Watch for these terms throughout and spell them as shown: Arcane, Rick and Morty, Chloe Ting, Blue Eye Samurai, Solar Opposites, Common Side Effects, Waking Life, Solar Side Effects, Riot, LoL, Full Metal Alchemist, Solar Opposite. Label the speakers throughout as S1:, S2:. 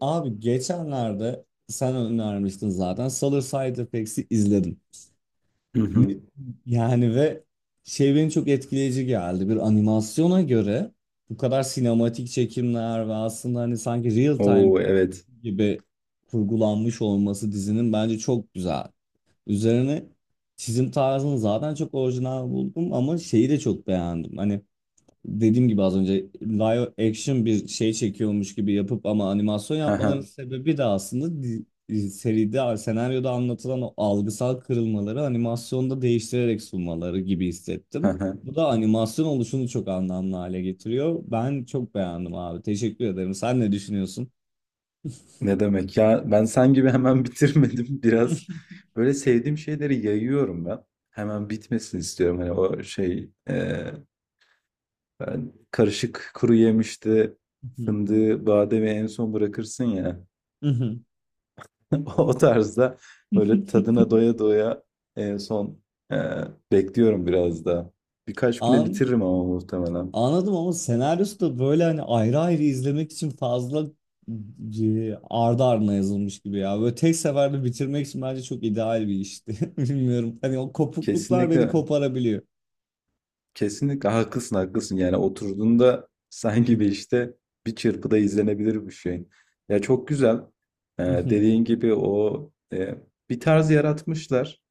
S1: Abi geçenlerde sen önermiştin zaten. Solar Side Effects'i izledim.
S2: Hı
S1: Ne,
S2: hı.
S1: yani ve şey beni çok etkileyici geldi. Bir animasyona göre bu kadar sinematik çekimler ve aslında hani sanki real time
S2: Oo evet.
S1: gibi kurgulanmış olması dizinin bence çok güzel. Üzerine çizim tarzını zaten çok orijinal buldum ama şeyi de çok beğendim. Hani dediğim gibi az önce live action bir şey çekiyormuş gibi yapıp ama animasyon
S2: Hı
S1: yapmalarının
S2: hı.
S1: sebebi de aslında seride, senaryoda anlatılan o algısal kırılmaları animasyonda değiştirerek sunmaları gibi hissettim. Bu da animasyon oluşunu çok anlamlı hale getiriyor. Ben çok beğendim abi. Teşekkür ederim. Sen ne düşünüyorsun?
S2: Ne demek ya? Ben sen gibi hemen bitirmedim. Biraz böyle sevdiğim şeyleri yayıyorum ben. Hemen bitmesin istiyorum. Hani o şey ben karışık kuru yemişti
S1: Hı hı.
S2: fındığı, bademi en son bırakırsın ya.
S1: Hı hı.
S2: O tarzda böyle tadına doya doya en son e, bekliyorum biraz daha. Birkaç güne
S1: An
S2: bitiririm ama muhtemelen.
S1: Anladım, ama senaryosu da böyle hani ayrı ayrı izlemek için fazla ardı ardına yazılmış gibi ya. Böyle tek seferde bitirmek için bence çok ideal bir işti. Bilmiyorum. Hani o kopukluklar beni
S2: Kesinlikle.
S1: koparabiliyor.
S2: Kesinlikle haklısın, haklısın. Yani oturduğunda sanki bir işte bir çırpıda izlenebilir bir şey. Ya çok güzel. Dediğin gibi o bir tarz yaratmışlar.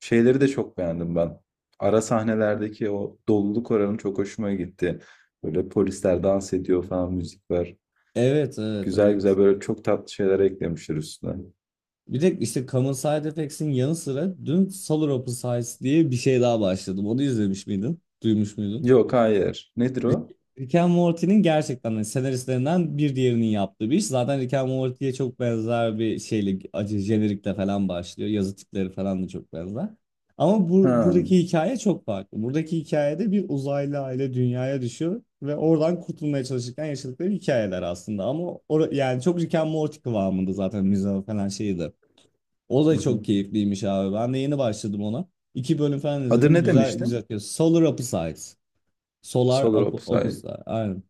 S2: Şeyleri de çok beğendim ben. Ara sahnelerdeki o doluluk oranı çok hoşuma gitti. Böyle polisler dans ediyor falan müzik var.
S1: Evet, evet,
S2: Güzel
S1: evet.
S2: güzel böyle çok tatlı şeyler eklemişler üstüne.
S1: Bir de işte Common Side Effects'in yanı sıra dün Solar Opposites diye bir şey daha başladım. Onu izlemiş miydin? Duymuş muydun?
S2: Yok hayır. Nedir
S1: Rick
S2: o?
S1: Rick and Morty'nin gerçekten hani senaristlerinden bir diğerinin yaptığı bir iş. Zaten Rick and Morty'ye çok benzer bir şeyle, acı jenerikle falan başlıyor. Yazı tipleri falan da çok benzer. Ama bu,
S2: Ha.
S1: buradaki hikaye çok farklı. Buradaki hikayede bir uzaylı aile dünyaya düşüyor ve oradan kurtulmaya çalışırken yaşadıkları hikayeler aslında. Ama yani çok Rick and Morty kıvamında zaten müze falan şeydi. O da
S2: Hı hı.
S1: çok keyifliymiş abi. Ben de yeni başladım ona. İki bölüm falan
S2: Adı
S1: izledim.
S2: ne
S1: Güzel
S2: demiştin?
S1: güzel. Solar Opposites. Solar
S2: Solar Opposite.
S1: Opposite. Aynen.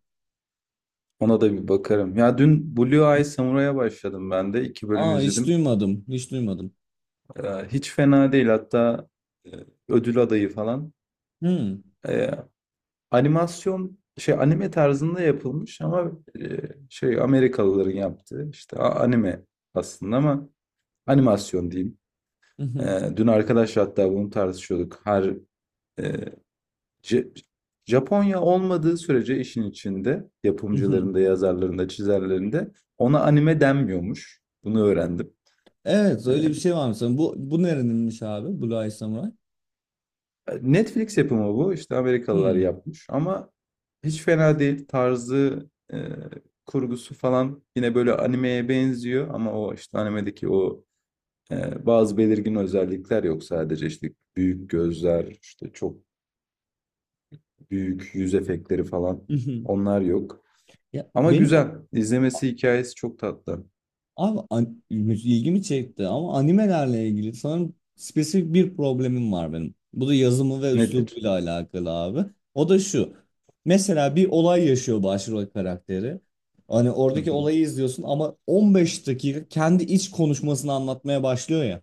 S2: Ona da bir bakarım. Ya dün Blue Eye Samurai'a başladım ben de. İki bölüm
S1: Aa, hiç
S2: izledim.
S1: duymadım. Hiç duymadım.
S2: Hiç fena değil. Hatta e, ödül adayı falan.
S1: Hmm.
S2: Ee, animasyon şey anime tarzında yapılmış ama e, şey Amerikalıların yaptığı işte anime aslında ama animasyon diyeyim.
S1: Mhm,
S2: Dün arkadaşlar hatta bunu tartışıyorduk. Her e, Ce- Japonya olmadığı sürece işin içinde
S1: mhm.
S2: yapımcılarında, yazarlarında, çizerlerinde ona anime denmiyormuş. Bunu öğrendim.
S1: Evet öyle bir
S2: Ee,
S1: şey var mesela. Bu nereninmiş abi? Blue Eye Samurai.
S2: Netflix yapımı bu. İşte Amerikalılar
S1: Hmm.
S2: yapmış ama hiç fena değil. Tarzı, kurgusu falan yine böyle animeye benziyor ama o işte animedeki o bazı belirgin özellikler yok sadece işte büyük gözler, işte çok büyük yüz efektleri falan
S1: Mhm.
S2: onlar yok.
S1: Ya,
S2: Ama
S1: benim
S2: güzel. İzlemesi hikayesi çok tatlı.
S1: abi, ilgimi çekti ama animelerle ilgili sanırım spesifik bir problemim var benim. Bu da yazımı ve
S2: Nedir?
S1: üslubuyla alakalı abi. O da şu. Mesela bir olay yaşıyor başrol karakteri. Hani
S2: Hı
S1: oradaki
S2: hı.
S1: olayı izliyorsun ama 15 dakika kendi iç konuşmasını anlatmaya başlıyor ya.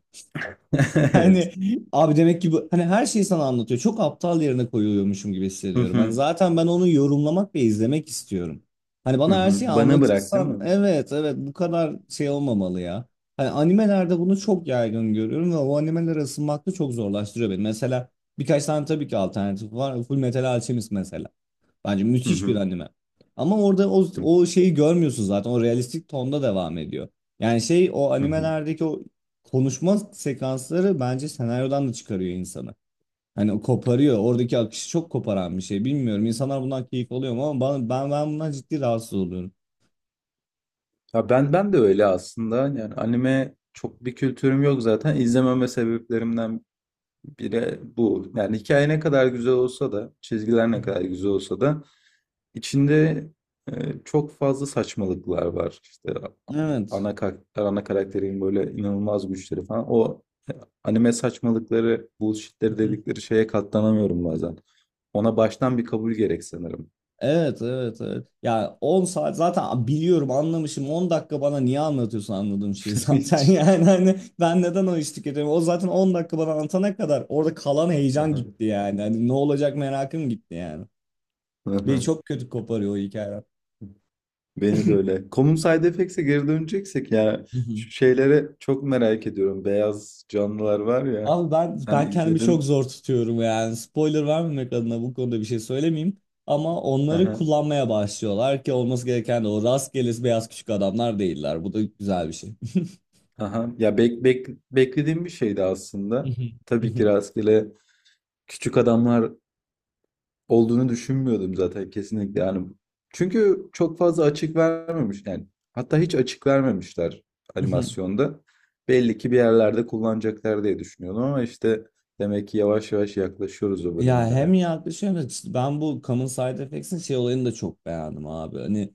S2: Evet.
S1: Hani abi demek ki bu hani her şeyi sana anlatıyor. Çok aptal yerine koyuluyormuşum gibi
S2: Hı
S1: hissediyorum. Hani
S2: hı.
S1: zaten ben onu yorumlamak ve izlemek istiyorum. Hani
S2: Hı
S1: bana her
S2: hı.
S1: şeyi
S2: Bana bırak değil
S1: anlatırsan
S2: mi?
S1: evet evet bu kadar şey olmamalı ya. Hani animelerde bunu çok yaygın görüyorum ve o animelere ısınmak da çok zorlaştırıyor beni. Mesela birkaç tane tabii ki alternatif var. Full Metal Alchemist mesela. Bence
S2: Hı
S1: müthiş bir
S2: hı.
S1: anime. Ama orada o şeyi görmüyorsun zaten. O realistik tonda devam ediyor. Yani şey o
S2: Hı hı.
S1: animelerdeki o konuşma sekansları bence senaryodan da çıkarıyor insanı. Hani o koparıyor. Oradaki akışı çok koparan bir şey. Bilmiyorum. İnsanlar bundan keyif alıyor mu ama ben bundan ciddi rahatsız oluyorum.
S2: Ya ben de öyle aslında. Yani anime çok bir kültürüm yok zaten. İzlememe sebeplerimden biri bu. Yani hikaye ne kadar güzel olsa da, çizgiler ne kadar güzel olsa da içinde e, çok fazla saçmalıklar var. İşte
S1: Evet.
S2: ana karakterin böyle inanılmaz güçleri falan. O e, anime saçmalıkları, bullshitleri dedikleri şeye katlanamıyorum bazen. Ona baştan bir kabul gerek sanırım.
S1: Evet, evet, evet. Ya 10 saat zaten biliyorum, anlamışım. 10 dakika bana niye anlatıyorsun anladığım şeyi zaten.
S2: Hiç.
S1: Yani hani ben neden o işi tüketiyorum? O zaten 10 dakika bana anlatana kadar orada kalan heyecan gitti yani. Hani ne olacak merakım gitti yani. Beni çok kötü koparıyor o hikaye.
S2: Beni de öyle. Common Side Effects'e geri döneceksek ya
S1: Hı hı.
S2: şu şeylere çok merak ediyorum. Beyaz canlılar var ya.
S1: Abi ben
S2: Sen
S1: ben kendimi çok
S2: izledin.
S1: zor tutuyorum yani. Spoiler vermemek adına bu konuda bir şey söylemeyeyim. Ama onları
S2: Aha,
S1: kullanmaya başlıyorlar ki olması gereken de o rastgele beyaz küçük adamlar değiller. Bu da güzel bir şey.
S2: aha. Ya beklediğim bir şeydi aslında. Tabii ki rastgele küçük adamlar olduğunu düşünmüyordum zaten kesinlikle. Yani çünkü çok fazla açık vermemiş. Yani hatta hiç açık vermemişler animasyonda. Belli ki bir yerlerde kullanacaklar diye düşünüyordum ama işte demek ki yavaş yavaş yaklaşıyoruz o
S1: Ya hem
S2: bölümlere.
S1: yaklaşıyor hem de işte ben bu Common Side Effects'in şey olayını da çok beğendim abi. Hani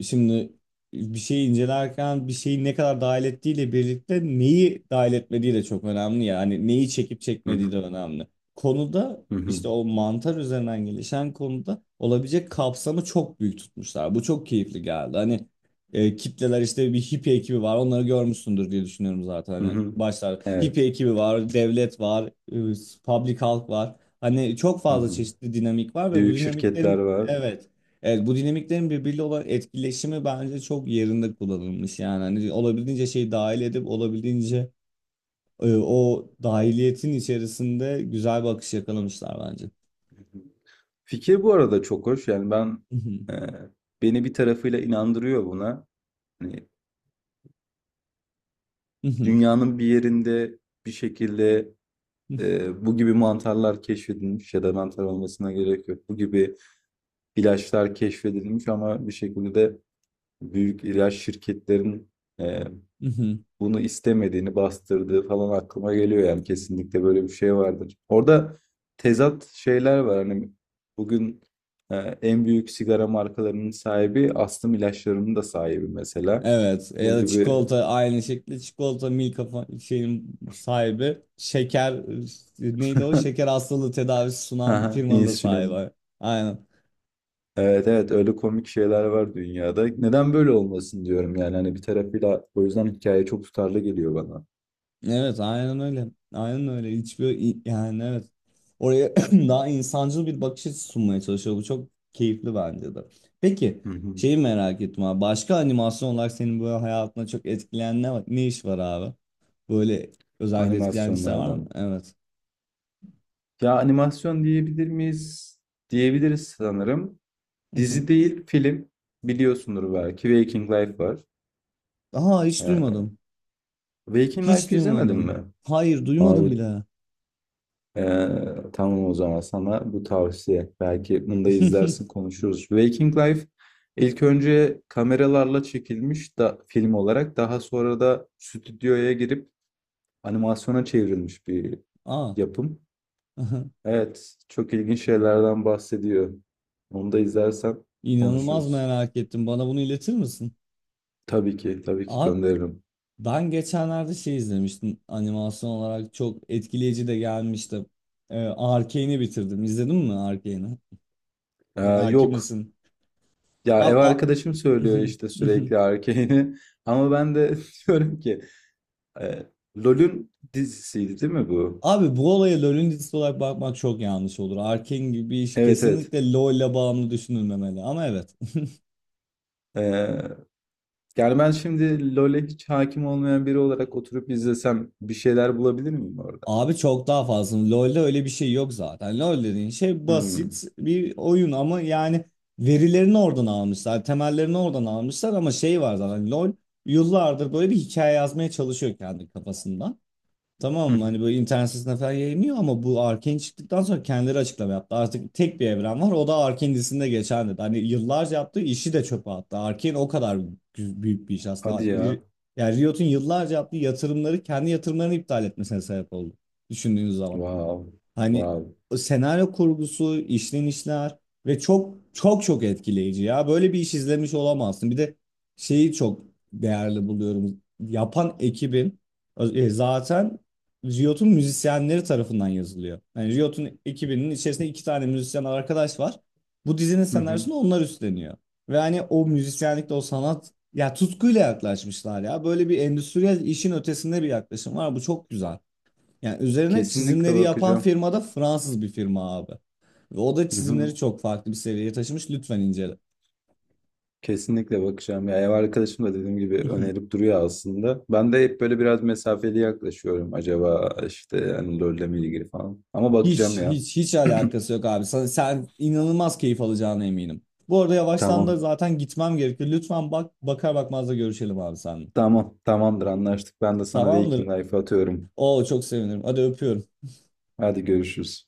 S1: şimdi bir şeyi incelerken bir şeyi ne kadar dahil ettiğiyle birlikte neyi dahil etmediği de çok önemli ya. Hani neyi çekip çekmediği de önemli. Konuda
S2: Hı hı.
S1: işte o mantar üzerinden gelişen konuda olabilecek kapsamı çok büyük tutmuşlar. Bu çok keyifli geldi. Hani kitleler işte bir hippie ekibi var. Onları görmüşsündür diye düşünüyorum zaten.
S2: Hı
S1: Hani
S2: hı.
S1: başlar hippie
S2: Evet.
S1: ekibi var, devlet var, public halk var. Hani çok
S2: Hı
S1: fazla
S2: hı.
S1: çeşitli dinamik var ve bu
S2: Büyük şirketler
S1: dinamiklerin
S2: var.
S1: evet. Evet bu dinamiklerin birbiriyle olan etkileşimi bence çok yerinde kullanılmış. Yani hani olabildiğince şeyi dahil edip olabildiğince o dahiliyetin içerisinde güzel bir akış yakalamışlar bence.
S2: Hı hı. Fikir bu arada çok hoş. Yani e, beni bir tarafıyla inandırıyor buna. Hani dünyanın bir yerinde bir şekilde bu gibi mantarlar keşfedilmiş ya da mantar olmasına gerek yok. Bu gibi ilaçlar keşfedilmiş ama bir şekilde de büyük ilaç şirketlerin e, bunu istemediğini bastırdığı falan aklıma geliyor yani kesinlikle böyle bir şey vardır. Orada tezat şeyler var hani bugün e, en büyük sigara markalarının sahibi astım ilaçlarının da sahibi mesela.
S1: Evet ya
S2: Bu
S1: da
S2: gibi
S1: çikolata aynı şekilde çikolata Milka şeyin sahibi şeker neydi o şeker hastalığı tedavisi sunan
S2: Aha,
S1: firmanın da
S2: insülin.
S1: sahibi. Aynen.
S2: Evet, evet, öyle komik şeyler var dünyada. Neden böyle olmasın diyorum yani hani bir tarafıyla o yüzden hikaye çok tutarlı geliyor bana.
S1: Evet aynen öyle. Aynen öyle. Hiçbir yani evet. Oraya daha insancıl bir bakış açısı sunmaya çalışıyor. Bu çok keyifli bence de. Peki
S2: Hı hı.
S1: şeyi merak ettim abi. Başka animasyon olarak senin böyle hayatına çok etkileyen ne iş var abi? Böyle özellikle etkileyen işler var mı?
S2: Animasyonlardan.
S1: Evet.
S2: Ya animasyon diyebilir miyiz? Diyebiliriz sanırım. Dizi değil, film. Biliyorsundur belki. Waking Life var.
S1: Aha, hiç
S2: Ee,
S1: duymadım.
S2: Waking
S1: Hiç
S2: Life izlemedin mi?
S1: duymadım. Hayır, duymadım
S2: Abi,
S1: bile.
S2: ee, tamam o zaman sana bu tavsiye. Belki bunu da izlersin konuşuruz. Waking Life ilk önce kameralarla çekilmiş da film olarak. Daha sonra da stüdyoya girip animasyona çevrilmiş bir
S1: Aa,
S2: yapım.
S1: aha.
S2: Evet, çok ilginç şeylerden bahsediyor. Onu da izlersen
S1: inanılmaz
S2: konuşuruz.
S1: merak ettim. Bana bunu iletir misin?
S2: Tabii ki, tabii ki
S1: Abi,
S2: gönderirim.
S1: ben geçenlerde şey izlemiştim. Animasyon olarak çok etkileyici de gelmişti. Arcane'i bitirdim. İzledin mi Arcane'i?
S2: Ee,
S1: Hakim
S2: yok.
S1: misin?
S2: Ya ev
S1: Abi,
S2: arkadaşım söylüyor işte sürekli Arcane'i. Ama ben de diyorum ki e, LoL'ün dizisiydi değil mi bu?
S1: Abi bu olaya LoL'ün dizisi olarak bakmak çok yanlış olur. Arcane gibi bir iş
S2: Evet, evet.
S1: kesinlikle LoL ile bağımlı düşünülmemeli. Ama evet.
S2: E, yani ben şimdi LoL'e hiç hakim olmayan biri olarak oturup izlesem bir şeyler bulabilir miyim orada?
S1: Abi çok daha fazla. LoL'de öyle bir şey yok zaten. LoL dediğin şey basit
S2: Hmm.
S1: bir oyun ama yani verilerini oradan almışlar, temellerini oradan almışlar ama şey var zaten LoL yıllardır böyle bir hikaye yazmaya çalışıyor kendi kafasında.
S2: Hı
S1: Tamam mı?
S2: hı.
S1: Hani böyle internet sitesinde falan yayınlıyor ama bu Arkane çıktıktan sonra kendileri açıklama yaptı. Artık tek bir evren var o da Arkane dizisinde geçen dedi. Hani yıllarca yaptığı işi de çöpe attı. Arkane o kadar büyük bir iş aslında.
S2: Hadi ya.
S1: Yani Riot'un yıllarca yaptığı yatırımları kendi yatırımlarını iptal etmesine sebep oldu. Düşündüğünüz zaman.
S2: Wow.
S1: Hani
S2: Wow.
S1: o senaryo kurgusu, işlenişler ve çok çok çok etkileyici ya. Böyle bir iş izlemiş olamazsın. Bir de şeyi çok değerli buluyorum. Yapan ekibin zaten Riot'un müzisyenleri tarafından yazılıyor. Yani Riot'un ekibinin içerisinde iki tane müzisyen arkadaş var. Bu dizinin
S2: Hı hı.
S1: senaryosunu onlar üstleniyor. Ve hani o müzisyenlikte o sanat ya tutkuyla yaklaşmışlar ya. Böyle bir endüstriyel işin ötesinde bir yaklaşım var. Bu çok güzel. Yani üzerine
S2: Kesinlikle
S1: çizimleri yapan
S2: bakacağım.
S1: firma da Fransız bir firma abi. Ve o da çizimleri çok farklı bir seviyeye taşımış. Lütfen incele.
S2: Kesinlikle bakacağım. Ya ev arkadaşım da dediğim gibi önerip duruyor aslında. Ben de hep böyle biraz mesafeli yaklaşıyorum. Acaba işte hani LoL'le mi ilgili falan. Ama bakacağım
S1: Hiç
S2: ya.
S1: hiç hiç alakası yok abi. Sen inanılmaz keyif alacağına eminim. Bu arada yavaştan da
S2: Tamam.
S1: zaten gitmem gerekiyor. Lütfen bakar bakmaz da görüşelim abi seninle.
S2: Tamam. Tamamdır anlaştık. Ben de sana
S1: Tamamdır.
S2: Waking Life'ı atıyorum.
S1: Oo çok sevinirim. Hadi öpüyorum.
S2: Hadi görüşürüz.